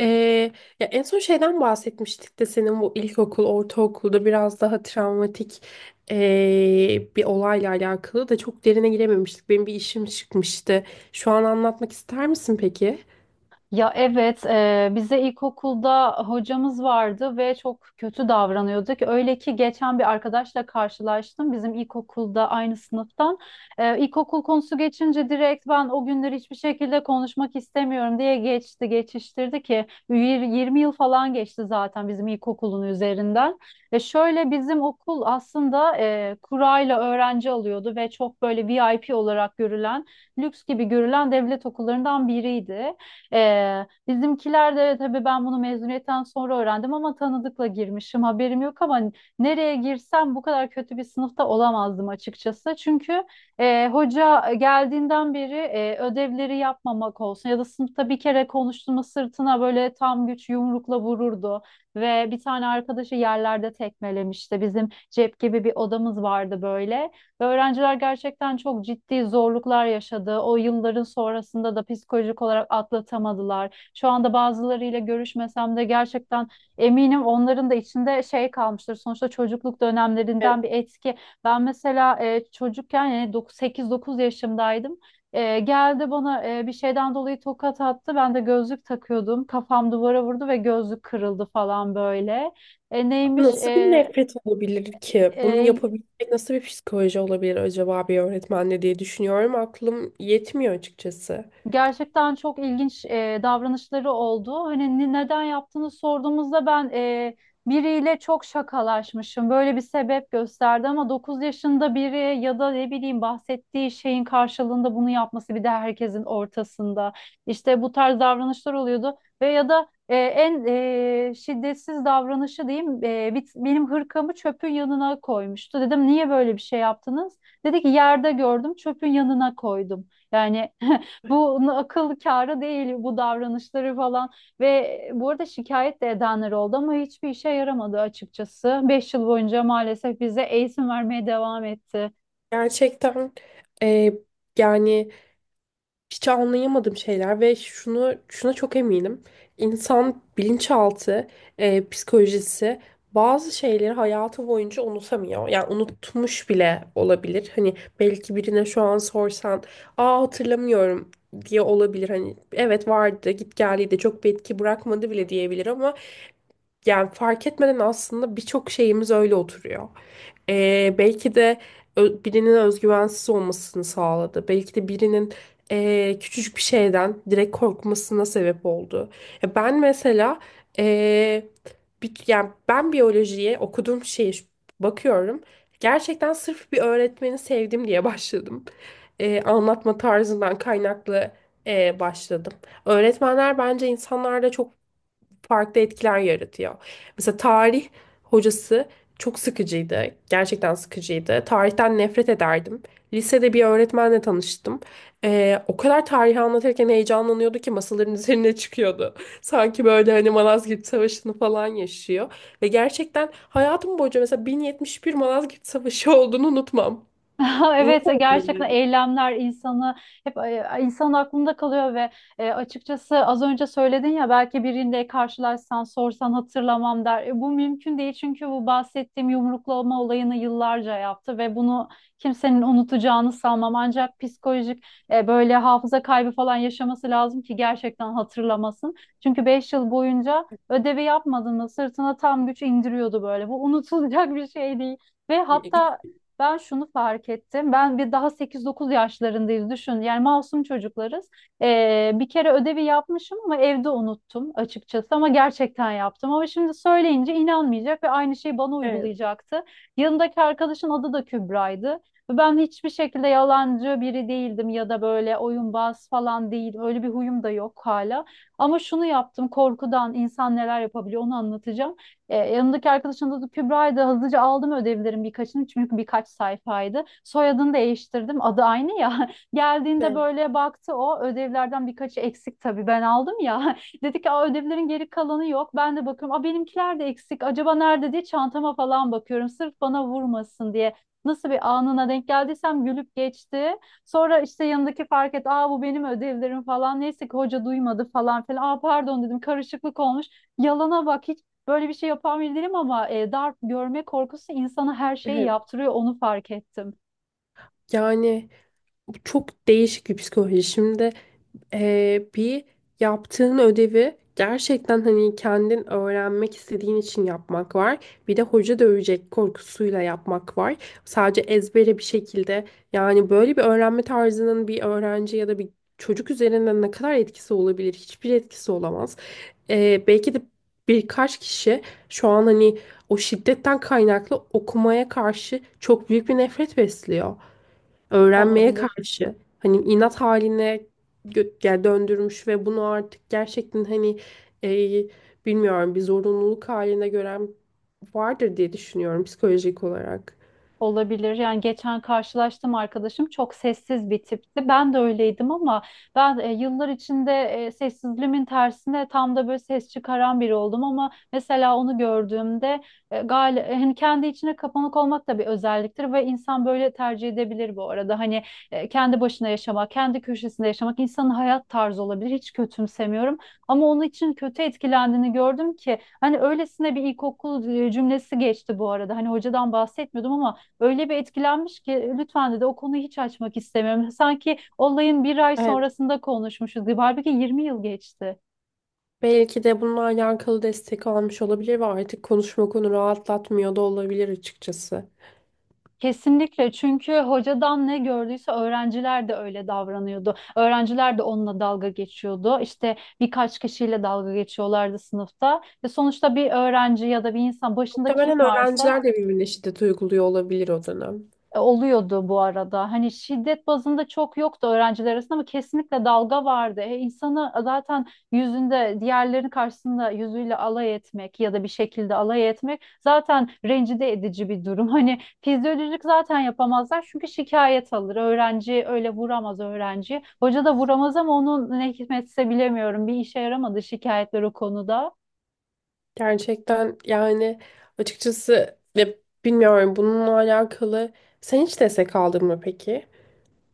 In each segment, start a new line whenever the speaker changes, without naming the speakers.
Ee, ya en son şeyden bahsetmiştik de senin bu ilkokul, ortaokulda biraz daha travmatik bir olayla alakalı da çok derine girememiştik. Benim bir işim çıkmıştı. Şu an anlatmak ister misin peki?
Ya evet, bize ilkokulda hocamız vardı ve çok kötü davranıyorduk. Öyle ki geçen bir arkadaşla karşılaştım bizim ilkokulda aynı sınıftan. İlkokul konusu geçince direkt ben o günleri hiçbir şekilde konuşmak istemiyorum diye geçti, geçiştirdi ki 20 yıl falan geçti zaten bizim ilkokulun üzerinden. Ve şöyle bizim okul aslında kurayla öğrenci alıyordu ve çok böyle VIP olarak görülen, lüks gibi görülen devlet okullarından biriydi. Bizimkiler de tabii ben bunu mezuniyetten sonra öğrendim ama tanıdıkla girmişim haberim yok ama nereye girsem bu kadar kötü bir sınıfta olamazdım açıkçası. Çünkü hoca geldiğinden beri ödevleri yapmamak olsun ya da sınıfta bir kere konuştuğumu sırtına böyle tam güç yumrukla vururdu ve bir tane arkadaşı yerlerde tekmelemişti. Bizim cep gibi bir odamız vardı böyle. Ve öğrenciler gerçekten çok ciddi zorluklar yaşadı. O yılların sonrasında da psikolojik olarak atlatamadılar. Şu anda bazılarıyla görüşmesem de gerçekten eminim onların da içinde şey kalmıştır. Sonuçta çocukluk
Evet.
dönemlerinden bir etki. Ben mesela çocukken yani 8-9 yaşımdaydım. Geldi bana bir şeyden dolayı tokat attı. Ben de gözlük takıyordum. Kafam duvara vurdu ve gözlük kırıldı falan böyle. E, neymiş?
Nasıl bir
E,
nefret olabilir ki? Bunu
e,
yapabilecek nasıl bir psikoloji olabilir acaba bir öğretmenle diye düşünüyorum. Aklım yetmiyor açıkçası.
Gerçekten çok ilginç davranışları oldu. Hani neden yaptığını sorduğumuzda ben biriyle çok şakalaşmışım. Böyle bir sebep gösterdi ama 9 yaşında biri ya da ne bileyim bahsettiği şeyin karşılığında bunu yapması bir de herkesin ortasında. İşte bu tarz davranışlar oluyordu ve ya da en şiddetsiz davranışı diyeyim, benim hırkamı çöpün yanına koymuştu. Dedim niye böyle bir şey yaptınız? Dedi ki yerde gördüm çöpün yanına koydum. Yani bu akıl kârı değil bu davranışları falan ve bu arada şikayet de edenler oldu ama hiçbir işe yaramadı açıkçası. 5 yıl boyunca maalesef bize eğitim vermeye devam etti.
Gerçekten e, yani hiç anlayamadığım şeyler ve şunu şuna çok eminim. İnsan bilinçaltı, psikolojisi bazı şeyleri hayatı boyunca unutamıyor. Yani unutmuş bile olabilir. Hani belki birine şu an sorsan, "Aa, hatırlamıyorum." diye olabilir. Hani evet vardı, git geldi de çok bir etki bırakmadı bile diyebilir ama yani fark etmeden aslında birçok şeyimiz öyle oturuyor. Belki de birinin özgüvensiz olmasını sağladı. Belki de birinin küçücük bir şeyden direkt korkmasına sebep oldu. Ya ben mesela ee, bir, yani ben biyolojiye okuduğum şeye bakıyorum. Gerçekten sırf bir öğretmeni sevdim diye başladım. Anlatma tarzından kaynaklı başladım. Öğretmenler bence insanlarda çok farklı etkiler yaratıyor. Mesela tarih hocası çok sıkıcıydı. Gerçekten sıkıcıydı. Tarihten nefret ederdim. Lisede bir öğretmenle tanıştım. O kadar tarihi anlatırken heyecanlanıyordu ki masaların üzerine çıkıyordu. Sanki böyle hani Malazgirt Savaşı'nı falan yaşıyor. Ve gerçekten hayatım boyunca mesela 1071 Malazgirt Savaşı olduğunu unutmam.
Evet,
Unutamam.
gerçekten eylemler insanı hep insanın aklında kalıyor ve açıkçası az önce söyledin ya belki birinde karşılaşsan sorsan hatırlamam der. Bu mümkün değil çünkü bu bahsettiğim yumruklama olayını yıllarca yaptı ve bunu kimsenin unutacağını sanmam. Ancak psikolojik böyle hafıza kaybı falan yaşaması lazım ki gerçekten hatırlamasın. Çünkü 5 yıl boyunca ödevi yapmadığında sırtına tam güç indiriyordu böyle. Bu unutulacak bir şey değil. Ve hatta ben şunu fark ettim. Ben bir daha 8-9 yaşlarındayız düşün. Yani masum çocuklarız. Bir kere ödevi yapmışım ama evde unuttum açıkçası ama gerçekten yaptım. Ama şimdi söyleyince inanmayacak ve aynı şeyi bana
Evet,
uygulayacaktı. Yanındaki arkadaşın adı da Kübra'ydı. Ve ben hiçbir şekilde yalancı biri değildim ya da böyle oyunbaz falan değil. Öyle bir huyum da yok hala. Ama şunu yaptım, korkudan insan neler yapabiliyor onu anlatacağım. Yanımdaki arkadaşın adı Kübra'ydı. Hızlıca aldım ödevlerin birkaçını çünkü birkaç sayfaydı. Soyadını değiştirdim. Adı aynı ya. Geldiğinde
evet,
böyle baktı o. Ödevlerden birkaçı eksik tabii, ben aldım ya. Dedi ki, "Aa, ödevlerin geri kalanı yok." Ben de bakıyorum. Aa, benimkiler de eksik. Acaba nerede diye çantama falan bakıyorum. Sırf bana vurmasın diye. Nasıl bir anına denk geldiysem gülüp geçti. Sonra işte yanındaki fark et. Aa, bu benim ödevlerim falan. Neyse ki hoca duymadı falan filan. Aa, pardon dedim, karışıklık olmuş. Yalana bak hiç. Böyle bir şey yapan biri değilim ama darp görme korkusu insana her şeyi
evet.
yaptırıyor. Onu fark ettim.
Yani çok değişik bir psikoloji. Şimdi bir yaptığın ödevi gerçekten hani kendin öğrenmek istediğin için yapmak var. Bir de hoca dövecek korkusuyla yapmak var. Sadece ezbere bir şekilde yani böyle bir öğrenme tarzının bir öğrenci ya da bir çocuk üzerinden ne kadar etkisi olabilir? Hiçbir etkisi olamaz. Belki de birkaç kişi şu an hani o şiddetten kaynaklı okumaya karşı çok büyük bir nefret besliyor, öğrenmeye
Olabilir.
karşı hani inat haline yani döndürmüş ve bunu artık gerçekten hani e, bilmiyorum bir zorunluluk haline gören vardır diye düşünüyorum psikolojik olarak.
Olabilir. Yani geçen karşılaştım, arkadaşım çok sessiz bir tipti. Ben de öyleydim ama ben yıllar içinde sessizliğimin tersine tam da böyle ses çıkaran biri oldum ama mesela onu gördüğümde hani kendi içine kapanık olmak da bir özelliktir ve insan böyle tercih edebilir bu arada. Hani kendi başına yaşamak, kendi köşesinde yaşamak insanın hayat tarzı olabilir. Hiç kötümsemiyorum ama onun için kötü etkilendiğini gördüm ki hani öylesine bir ilkokul cümlesi geçti bu arada. Hani hocadan bahsetmiyordum ama öyle bir etkilenmiş ki lütfen dedi, o konuyu hiç açmak istemiyorum. Sanki olayın bir ay
Evet.
sonrasında konuşmuşuz gibi. Halbuki 20 yıl geçti.
Belki de bununla alakalı destek almış olabilir ve artık konuşma konu rahatlatmıyor da olabilir açıkçası.
Kesinlikle, çünkü hocadan ne gördüyse öğrenciler de öyle davranıyordu. Öğrenciler de onunla dalga geçiyordu. İşte birkaç kişiyle dalga geçiyorlardı sınıfta. Ve sonuçta bir öğrenci ya da bir insan başında kim
Muhtemelen
varsa
öğrenciler de birbirine şiddet uyguluyor olabilir o dönem.
oluyordu bu arada. Hani şiddet bazında çok yoktu öğrenciler arasında ama kesinlikle dalga vardı. İnsanı zaten yüzünde diğerlerinin karşısında yüzüyle alay etmek ya da bir şekilde alay etmek zaten rencide edici bir durum. Hani fizyolojik zaten yapamazlar çünkü şikayet alır. Öğrenci öyle vuramaz öğrenci. Hoca da vuramaz ama onun ne hikmetse bilemiyorum. Bir işe yaramadı şikayetler o konuda.
Gerçekten yani açıkçası ya bilmiyorum bununla alakalı. Sen hiç destek aldın mı peki?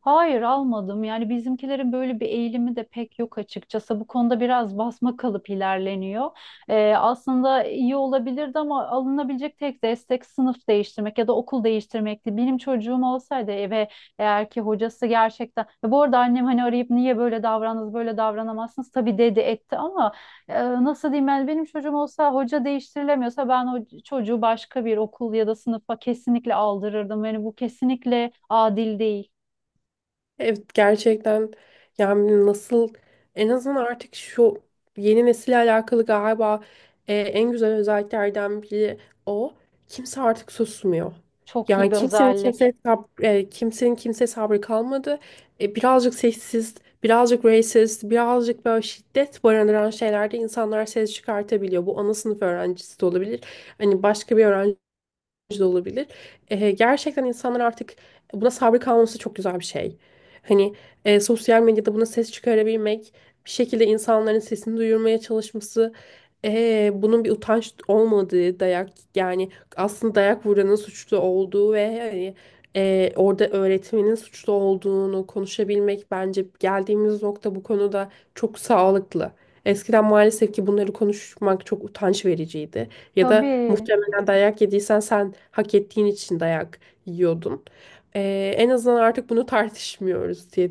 Hayır, almadım. Yani bizimkilerin böyle bir eğilimi de pek yok açıkçası. Bu konuda biraz basma kalıp ilerleniyor. Aslında iyi olabilirdi ama alınabilecek tek destek sınıf değiştirmek ya da okul değiştirmekti. Benim çocuğum olsaydı eve, eğer ki hocası gerçekten... Ya bu arada annem hani arayıp niye böyle davrandınız, böyle davranamazsınız tabii dedi etti ama nasıl diyeyim, yani benim çocuğum olsa hoca değiştirilemiyorsa ben o çocuğu başka bir okul ya da sınıfa kesinlikle aldırırdım. Yani bu kesinlikle adil değil.
Evet, gerçekten yani nasıl, en azından artık şu yeni nesille alakalı galiba en güzel özelliklerden biri o. Kimse artık susmuyor.
Çok iyi
Yani
bir
kimsenin kimseye
özellik.
kimsenin kimseye sabrı kalmadı. E, birazcık seksist, birazcık racist, birazcık böyle şiddet barındıran şeylerde insanlar ses çıkartabiliyor. Bu ana sınıf öğrencisi de olabilir. Hani başka bir öğrenci da olabilir. Gerçekten insanlar artık buna sabır kalması çok güzel bir şey. Hani sosyal medyada buna ses çıkarabilmek, bir şekilde insanların sesini duyurmaya çalışması, bunun bir utanç olmadığı dayak, yani aslında dayak vuranın suçlu olduğu ve hani orada öğretmenin suçlu olduğunu konuşabilmek bence geldiğimiz nokta bu konuda çok sağlıklı. Eskiden maalesef ki bunları konuşmak çok utanç vericiydi. Ya da
Tabii.
muhtemelen dayak yediysen sen hak ettiğin için dayak yiyordun. En azından artık bunu tartışmıyoruz diye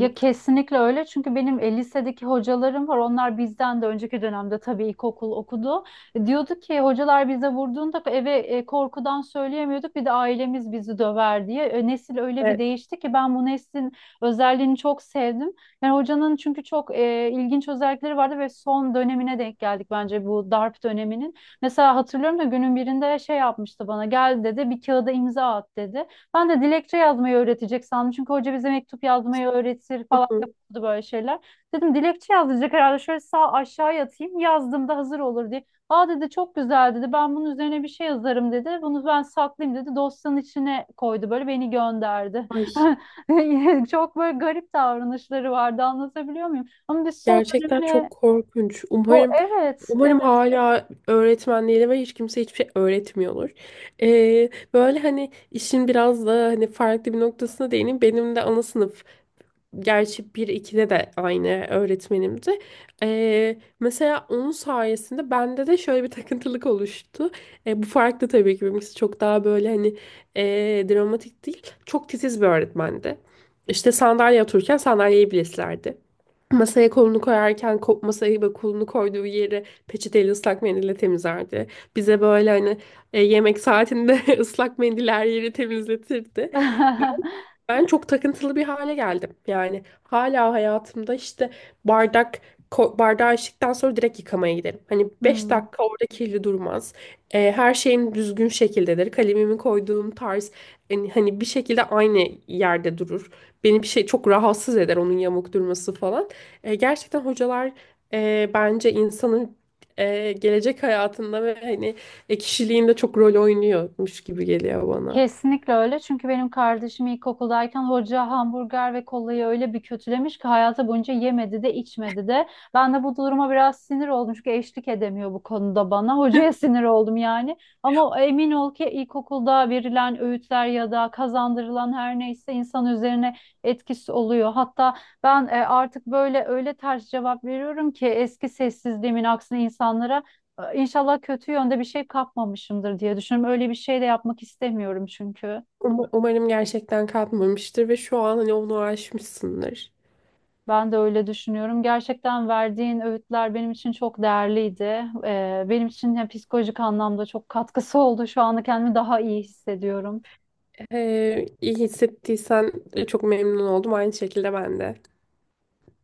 Ya kesinlikle öyle. Çünkü benim lisedeki hocalarım var. Onlar bizden de önceki dönemde tabii ilkokul okudu. Diyordu ki hocalar bize vurduğunda eve korkudan söyleyemiyorduk. Bir de ailemiz bizi döver diye. Nesil öyle bir
Evet.
değişti ki ben bu neslin özelliğini çok sevdim. Yani hocanın çünkü çok ilginç özellikleri vardı ve son dönemine denk geldik bence bu darp döneminin. Mesela hatırlıyorum da günün birinde şey yapmıştı bana. Gel dedi, bir kağıda imza at dedi. Ben de dilekçe yazmayı öğretecek sandım. Çünkü hoca bize mektup yazmayı öğretir
Hı
falan
hı.
yapıyordu böyle şeyler. Dedim dilekçe yazacak herhalde. Şöyle sağ aşağıya atayım. Yazdığımda hazır olur diye. Aa dedi, çok güzel dedi. Ben bunun üzerine bir şey yazarım dedi. Bunu ben saklayayım dedi. Dosyanın içine koydu böyle, beni gönderdi.
Ay.
Çok böyle garip davranışları vardı. Anlatabiliyor muyum? Ama biz son
Gerçekten
dönemine
çok korkunç. Umarım,
evet,
umarım
evet.
hala öğretmenleri ve hiç kimse hiçbir şey öğretmiyordur. Böyle hani işin biraz da hani farklı bir noktasına değineyim. Benim de ana sınıf, gerçi bir 2'de de aynı öğretmenimdi. Mesela onun sayesinde bende de şöyle bir takıntılık oluştu. Bu farklı, tabii ki benimkisi çok daha böyle hani dramatik değil. Çok titiz bir öğretmendi. İşte sandalye otururken sandalyeyi bile silerdi. Masaya kolunu koyarken masayı ve kolunu koyduğu yeri peçeteyle ıslak mendille temizlerdi. Bize böyle hani yemek saatinde ıslak mendiller yeri temizletirdi. Ben çok takıntılı bir hale geldim. Yani hala hayatımda işte bardak, bardağı içtikten sonra direkt yıkamaya giderim. Hani 5
Hmm.
dakika orada kirli durmaz. Her şeyim düzgün şekildedir. Kalemimi koyduğum tarz hani, hani bir şekilde aynı yerde durur. Beni bir şey çok rahatsız eder, onun yamuk durması falan. Gerçekten hocalar bence insanın gelecek hayatında ve hani kişiliğinde çok rol oynuyormuş gibi geliyor bana.
Kesinlikle öyle. Çünkü benim kardeşim ilkokuldayken hoca hamburger ve kolayı öyle bir kötülemiş ki hayatı boyunca yemedi de içmedi de. Ben de bu duruma biraz sinir oldum çünkü eşlik edemiyor bu konuda bana. Hocaya sinir oldum yani. Ama emin ol ki ilkokulda verilen öğütler ya da kazandırılan her neyse insan üzerine etkisi oluyor. Hatta ben artık böyle öyle ters cevap veriyorum ki eski sessizliğimin aksine insanlara İnşallah kötü yönde bir şey kapmamışımdır diye düşünüyorum. Öyle bir şey de yapmak istemiyorum çünkü.
Umarım gerçekten kalkmamıştır ve şu an hani onu aşmışsındır.
Ben de öyle düşünüyorum. Gerçekten verdiğin öğütler benim için çok değerliydi. Benim için ya psikolojik anlamda çok katkısı oldu. Şu anda kendimi daha iyi hissediyorum.
İyi hissettiysen çok memnun oldum. Aynı şekilde ben de.